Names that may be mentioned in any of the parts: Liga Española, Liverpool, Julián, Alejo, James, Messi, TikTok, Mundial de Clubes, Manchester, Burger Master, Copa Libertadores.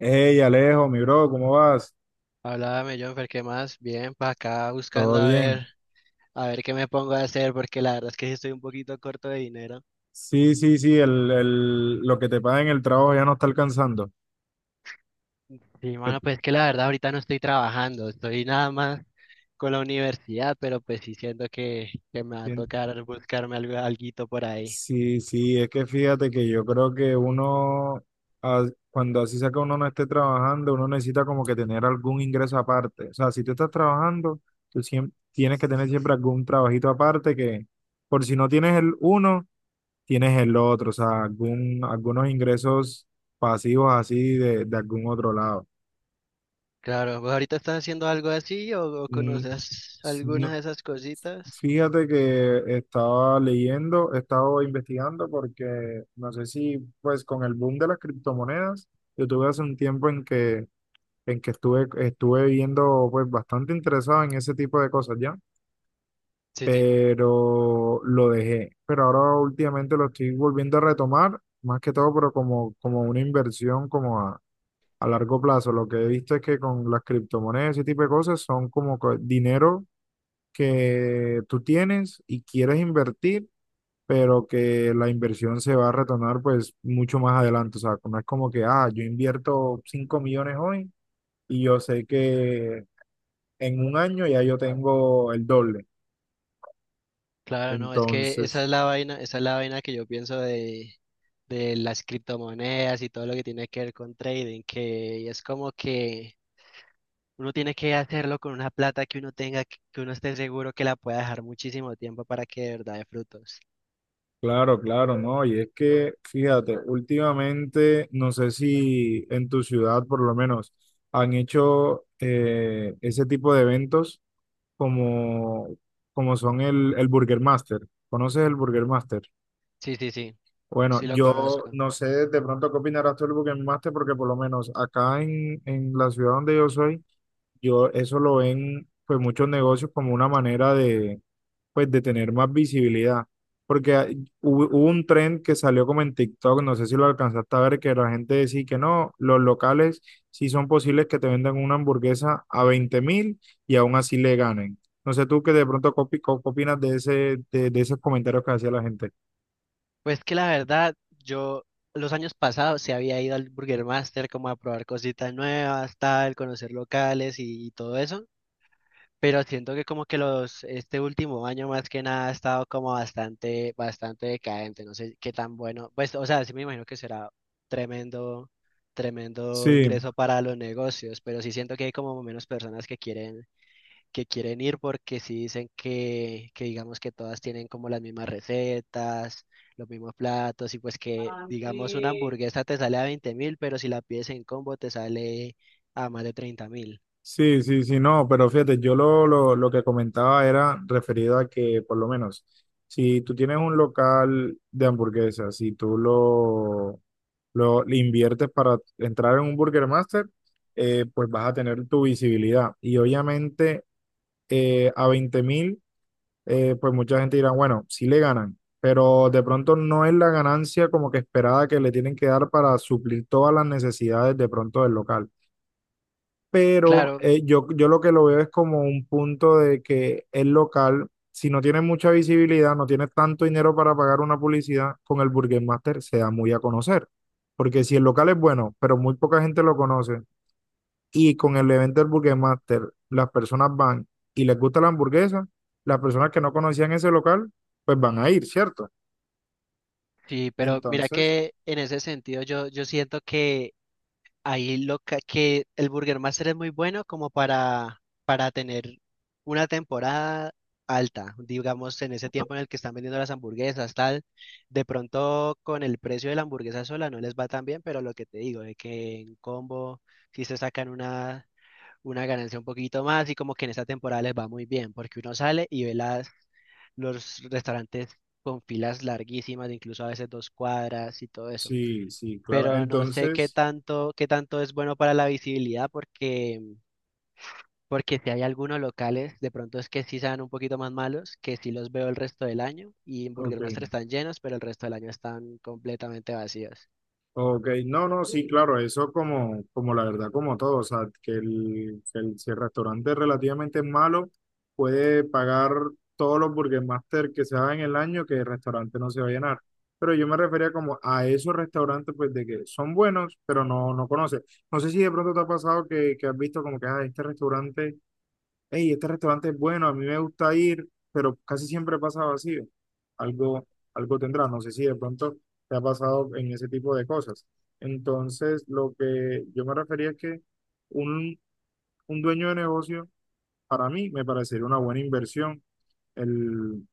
Hey, Alejo, mi bro, ¿cómo vas? Háblame, Jonfer, ¿qué más? Bien, para acá ¿Todo buscando bien? A ver qué me pongo a hacer, porque la verdad es que sí estoy un poquito corto de dinero. Sí, sí, sí, lo que te paga en el trabajo ya no está alcanzando. Sí, Que mano, tú pues que la verdad ahorita no estoy trabajando, estoy nada más con la universidad, pero pues sí siento que me va a tien- tocar buscarme algo, alguito por ahí. Sí, sí, es que fíjate que yo creo que uno, cuando así sea que uno no esté trabajando, uno necesita como que tener algún ingreso aparte. O sea, si tú estás trabajando, tienes que tener siempre algún trabajito aparte que, por si no tienes el uno, tienes el otro. O sea, algunos ingresos pasivos así de algún otro lado. Claro, ¿vos ahorita estás haciendo algo así o Mm. conoces No. alguna de esas cositas? Fíjate que estaba leyendo, estaba investigando porque no sé si pues con el boom de las criptomonedas, yo tuve hace un tiempo en que estuve viendo pues bastante interesado en ese tipo de cosas ya, Sí, sí. pero lo dejé. Pero ahora últimamente lo estoy volviendo a retomar, más que todo, pero como una inversión como a largo plazo. Lo que he visto es que con las criptomonedas, ese tipo de cosas son dinero que tú tienes y quieres invertir, pero que la inversión se va a retornar pues mucho más adelante. O sea, no es como que, yo invierto 5 millones hoy y yo sé que en un año ya yo tengo el doble. Claro, no, es que esa Entonces, es la vaina, esa es la vaina que yo pienso de las criptomonedas y todo lo que tiene que ver con trading, que es como que uno tiene que hacerlo con una plata que uno tenga, que uno esté seguro que la pueda dejar muchísimo tiempo para que de verdad dé frutos. claro, claro, ¿no? Y es que, fíjate, últimamente, no sé si en tu ciudad por lo menos han hecho ese tipo de eventos como, como son el Burger Master. ¿Conoces el Burger Master? Sí, sí, sí, Bueno, sí lo yo conozco. no sé de pronto qué opinarás tú del Burger Master, porque por lo menos acá en la ciudad donde yo soy, yo eso lo ven pues muchos negocios como una manera de, pues de tener más visibilidad. Porque hubo un trend que salió como en TikTok, no sé si lo alcanzaste a ver, que la gente decía que no, los locales sí son posibles que te vendan una hamburguesa a 20.000 y aún así le ganen. No sé tú que de pronto opinas de ese, de esos comentarios que hacía la gente. Pues que la verdad, yo los años pasados se había ido al Burger Master como a probar cositas nuevas, tal, conocer locales y todo eso. Pero siento que como que los, este último año más que nada ha estado como bastante, bastante decadente. No sé qué tan bueno. Pues, o sea, sí me imagino que será tremendo, tremendo Sí, ingreso para los negocios, pero sí siento que hay como menos personas que quieren ir porque sí dicen que digamos que todas tienen como las mismas recetas, los mismos platos, y pues que digamos una hamburguesa te sale a 20 mil, pero si la pides en combo te sale a más de 30.000. sí, sí, sí, no, pero fíjate, yo lo que comentaba era referido a que, por lo menos, si tú tienes un local de hamburguesas, si tú lo le inviertes para entrar en un Burger Master, pues vas a tener tu visibilidad. Y obviamente a 20.000, pues mucha gente dirá, bueno, sí le ganan, pero de pronto no es la ganancia como que esperada que le tienen que dar para suplir todas las necesidades de pronto del local, pero Claro. Yo lo que lo veo es como un punto de que el local, si no tiene mucha visibilidad, no tiene tanto dinero para pagar una publicidad, con el Burger Master se da muy a conocer. Porque si el local es bueno, pero muy poca gente lo conoce, y con el evento del Burger Master las personas van y les gusta la hamburguesa, las personas que no conocían ese local, pues van a ir, ¿cierto? Sí, pero mira Entonces, que en ese sentido yo, yo siento que que el Burger Master es muy bueno como para tener una temporada alta, digamos en ese tiempo en el que están vendiendo las hamburguesas, tal, de pronto con el precio de la hamburguesa sola no les va tan bien, pero lo que te digo, de que en combo si se sacan una ganancia un poquito más y como que en esta temporada les va muy bien, porque uno sale y ve las, los restaurantes con filas larguísimas, de incluso a veces 2 cuadras y todo eso. sí, sí, claro. Pero no sé Entonces, qué tanto es bueno para la visibilidad, porque, porque si hay algunos locales, de pronto es que sí sean un poquito más malos, que sí los veo el resto del año, y en ok. Burger Master están llenos, pero el resto del año están completamente vacíos. Ok, no, no, sí, claro, eso como la verdad, como todo, o sea, si el restaurante es relativamente malo, puede pagar todos los Burger Master que se hagan en el año, que el restaurante no se va a llenar. Pero yo me refería como a esos restaurantes, pues, de que son buenos, pero no conoces. No sé si de pronto te ha pasado que has visto como que, este restaurante es bueno, a mí me gusta ir, pero casi siempre pasa vacío. Algo, algo tendrá, no sé si de pronto te ha pasado en ese tipo de cosas. Entonces, lo que yo me refería es que un, un dueño de negocio, para mí, me parecería una buena inversión el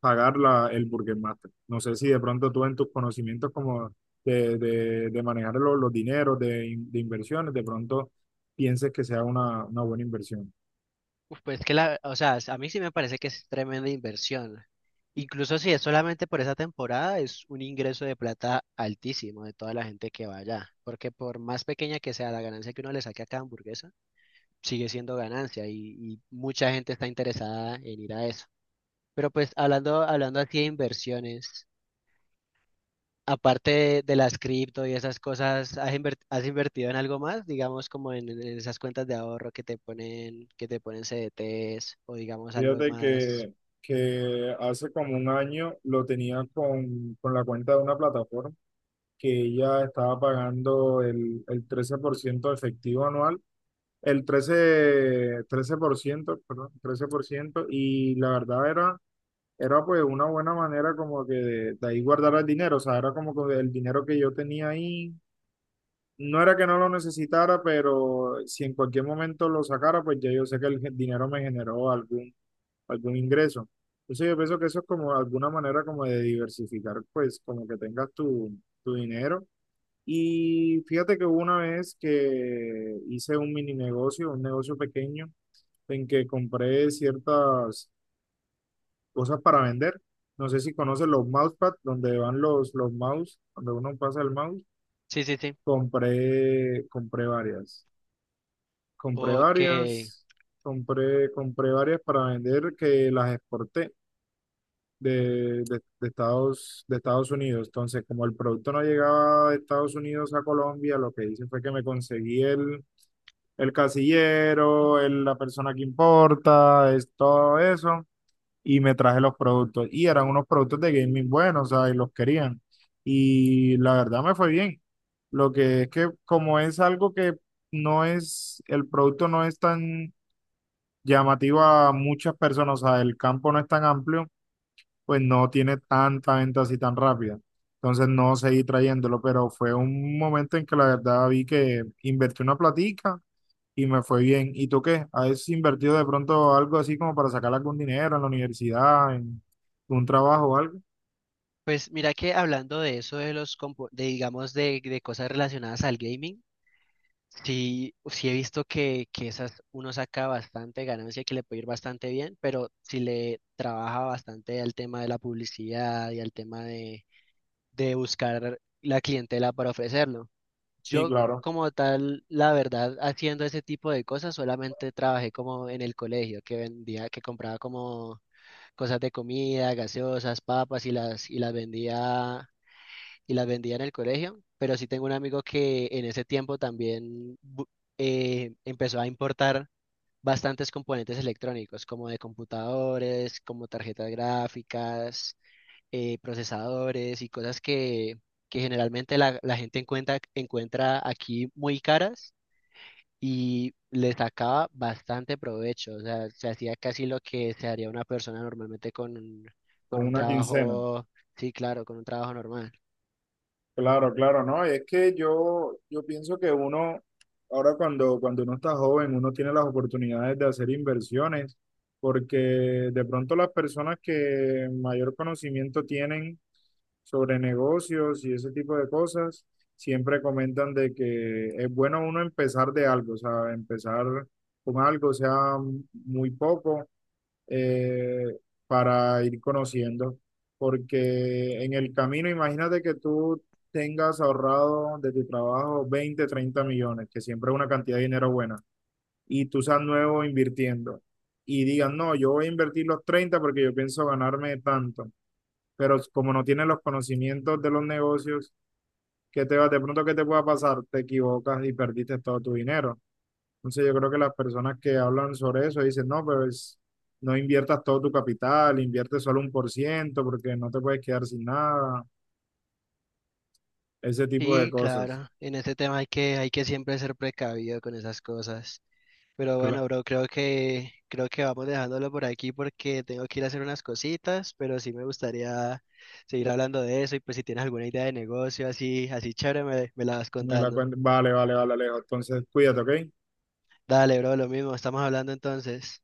pagar la, el Burger Master. No sé si de pronto tú en tus conocimientos como de manejar los dineros, de inversiones, de pronto pienses que sea una buena inversión. Uf, pues que la, o sea, a mí sí me parece que es tremenda inversión. Incluso si es solamente por esa temporada, es un ingreso de plata altísimo de toda la gente que va allá. Porque por más pequeña que sea la ganancia que uno le saque a cada hamburguesa, sigue siendo ganancia y mucha gente está interesada en ir a eso. Pero pues hablando, hablando aquí de inversiones. Aparte de las cripto y esas cosas, ¿ has invertido en algo más? Digamos como en esas cuentas de ahorro que te ponen CDTs o digamos algo Fíjate más. que hace como un año lo tenía con la cuenta de una plataforma que ella estaba pagando el 13% efectivo anual, el trece por ciento, perdón, 13%, y la verdad era pues una buena manera como que de ahí guardar el dinero, o sea, era como que el dinero que yo tenía ahí, no era que no lo necesitara, pero si en cualquier momento lo sacara, pues ya yo sé que el dinero me generó algún ingreso. Entonces yo pienso que eso es como alguna manera como de diversificar, pues como que tengas tu dinero. Y fíjate que hubo una vez que hice un mini negocio, un negocio pequeño, en que compré ciertas cosas para vender. No sé si conoces los mousepad, donde van los mouse, donde uno pasa el mouse. Sí, sí, sí. Compré varias. Compré Ok. varias, compré varias para vender que las exporté de Estados Unidos. Entonces, como el producto no llegaba de Estados Unidos a Colombia, lo que hice fue que me conseguí el casillero, la persona que importa, es, todo eso, y me traje los productos. Y eran unos productos de gaming buenos, o sea, y los querían. Y la verdad me fue bien. Lo que es que como es algo que el producto no es tan llamativo a muchas personas, o sea, el campo no es tan amplio, pues no tiene tanta venta así tan rápida. Entonces no seguí trayéndolo, pero fue un momento en que la verdad vi que invertí una platica y me fue bien. ¿Y tú qué? ¿Has invertido de pronto algo así como para sacar algún dinero en la universidad, en un trabajo o algo? Pues mira que hablando de eso, de digamos de cosas relacionadas al gaming, sí, sí he visto que esas uno saca bastante ganancia, que le puede ir bastante bien, pero si le trabaja bastante al tema de la publicidad y al tema de buscar la clientela para ofrecerlo. Sí, Yo claro, como tal, la verdad, haciendo ese tipo de cosas, solamente trabajé como en el colegio, que vendía, que compraba como cosas de comida, gaseosas, papas y las vendía y las vendía en el colegio. Pero sí tengo un amigo que en ese tiempo también empezó a importar bastantes componentes electrónicos, como de computadores, como tarjetas gráficas, procesadores y cosas que generalmente la, la gente encuentra, encuentra aquí muy caras y le sacaba bastante provecho. O sea, se hacía casi lo que se haría una persona normalmente con con un una quincena. trabajo, sí, claro, con un trabajo normal. Claro, claro, no, es que yo pienso que uno, ahora cuando uno está joven, uno tiene las oportunidades de hacer inversiones, porque de pronto las personas que mayor conocimiento tienen sobre negocios y ese tipo de cosas, siempre comentan de que es bueno uno empezar de algo, o sea, empezar con algo, sea muy poco, eh, para ir conociendo, porque en el camino, imagínate que tú tengas ahorrado de tu trabajo 20 30 millones, que siempre es una cantidad de dinero buena, y tú seas nuevo invirtiendo y digas no, yo voy a invertir los 30 porque yo pienso ganarme tanto, pero como no tienes los conocimientos de los negocios, ¿qué te va? De pronto, ¿qué te pueda pasar? Te equivocas y perdiste todo tu dinero. Entonces yo creo que las personas que hablan sobre eso dicen, no, pues no inviertas todo tu capital, invierte solo 1% porque no te puedes quedar sin nada, ese tipo de Sí, cosas. claro, en ese tema hay que siempre ser precavido con esas cosas. Pero Cla- bueno, bro, creo que vamos dejándolo por aquí porque tengo que ir a hacer unas cositas, pero sí me gustaría seguir hablando de eso y pues si tienes alguna idea de negocio así, así chévere, me la vas contando. Vale, vale, vale, Alejo. Entonces cuídate, ¿ok? Dale, bro, lo mismo, estamos hablando entonces.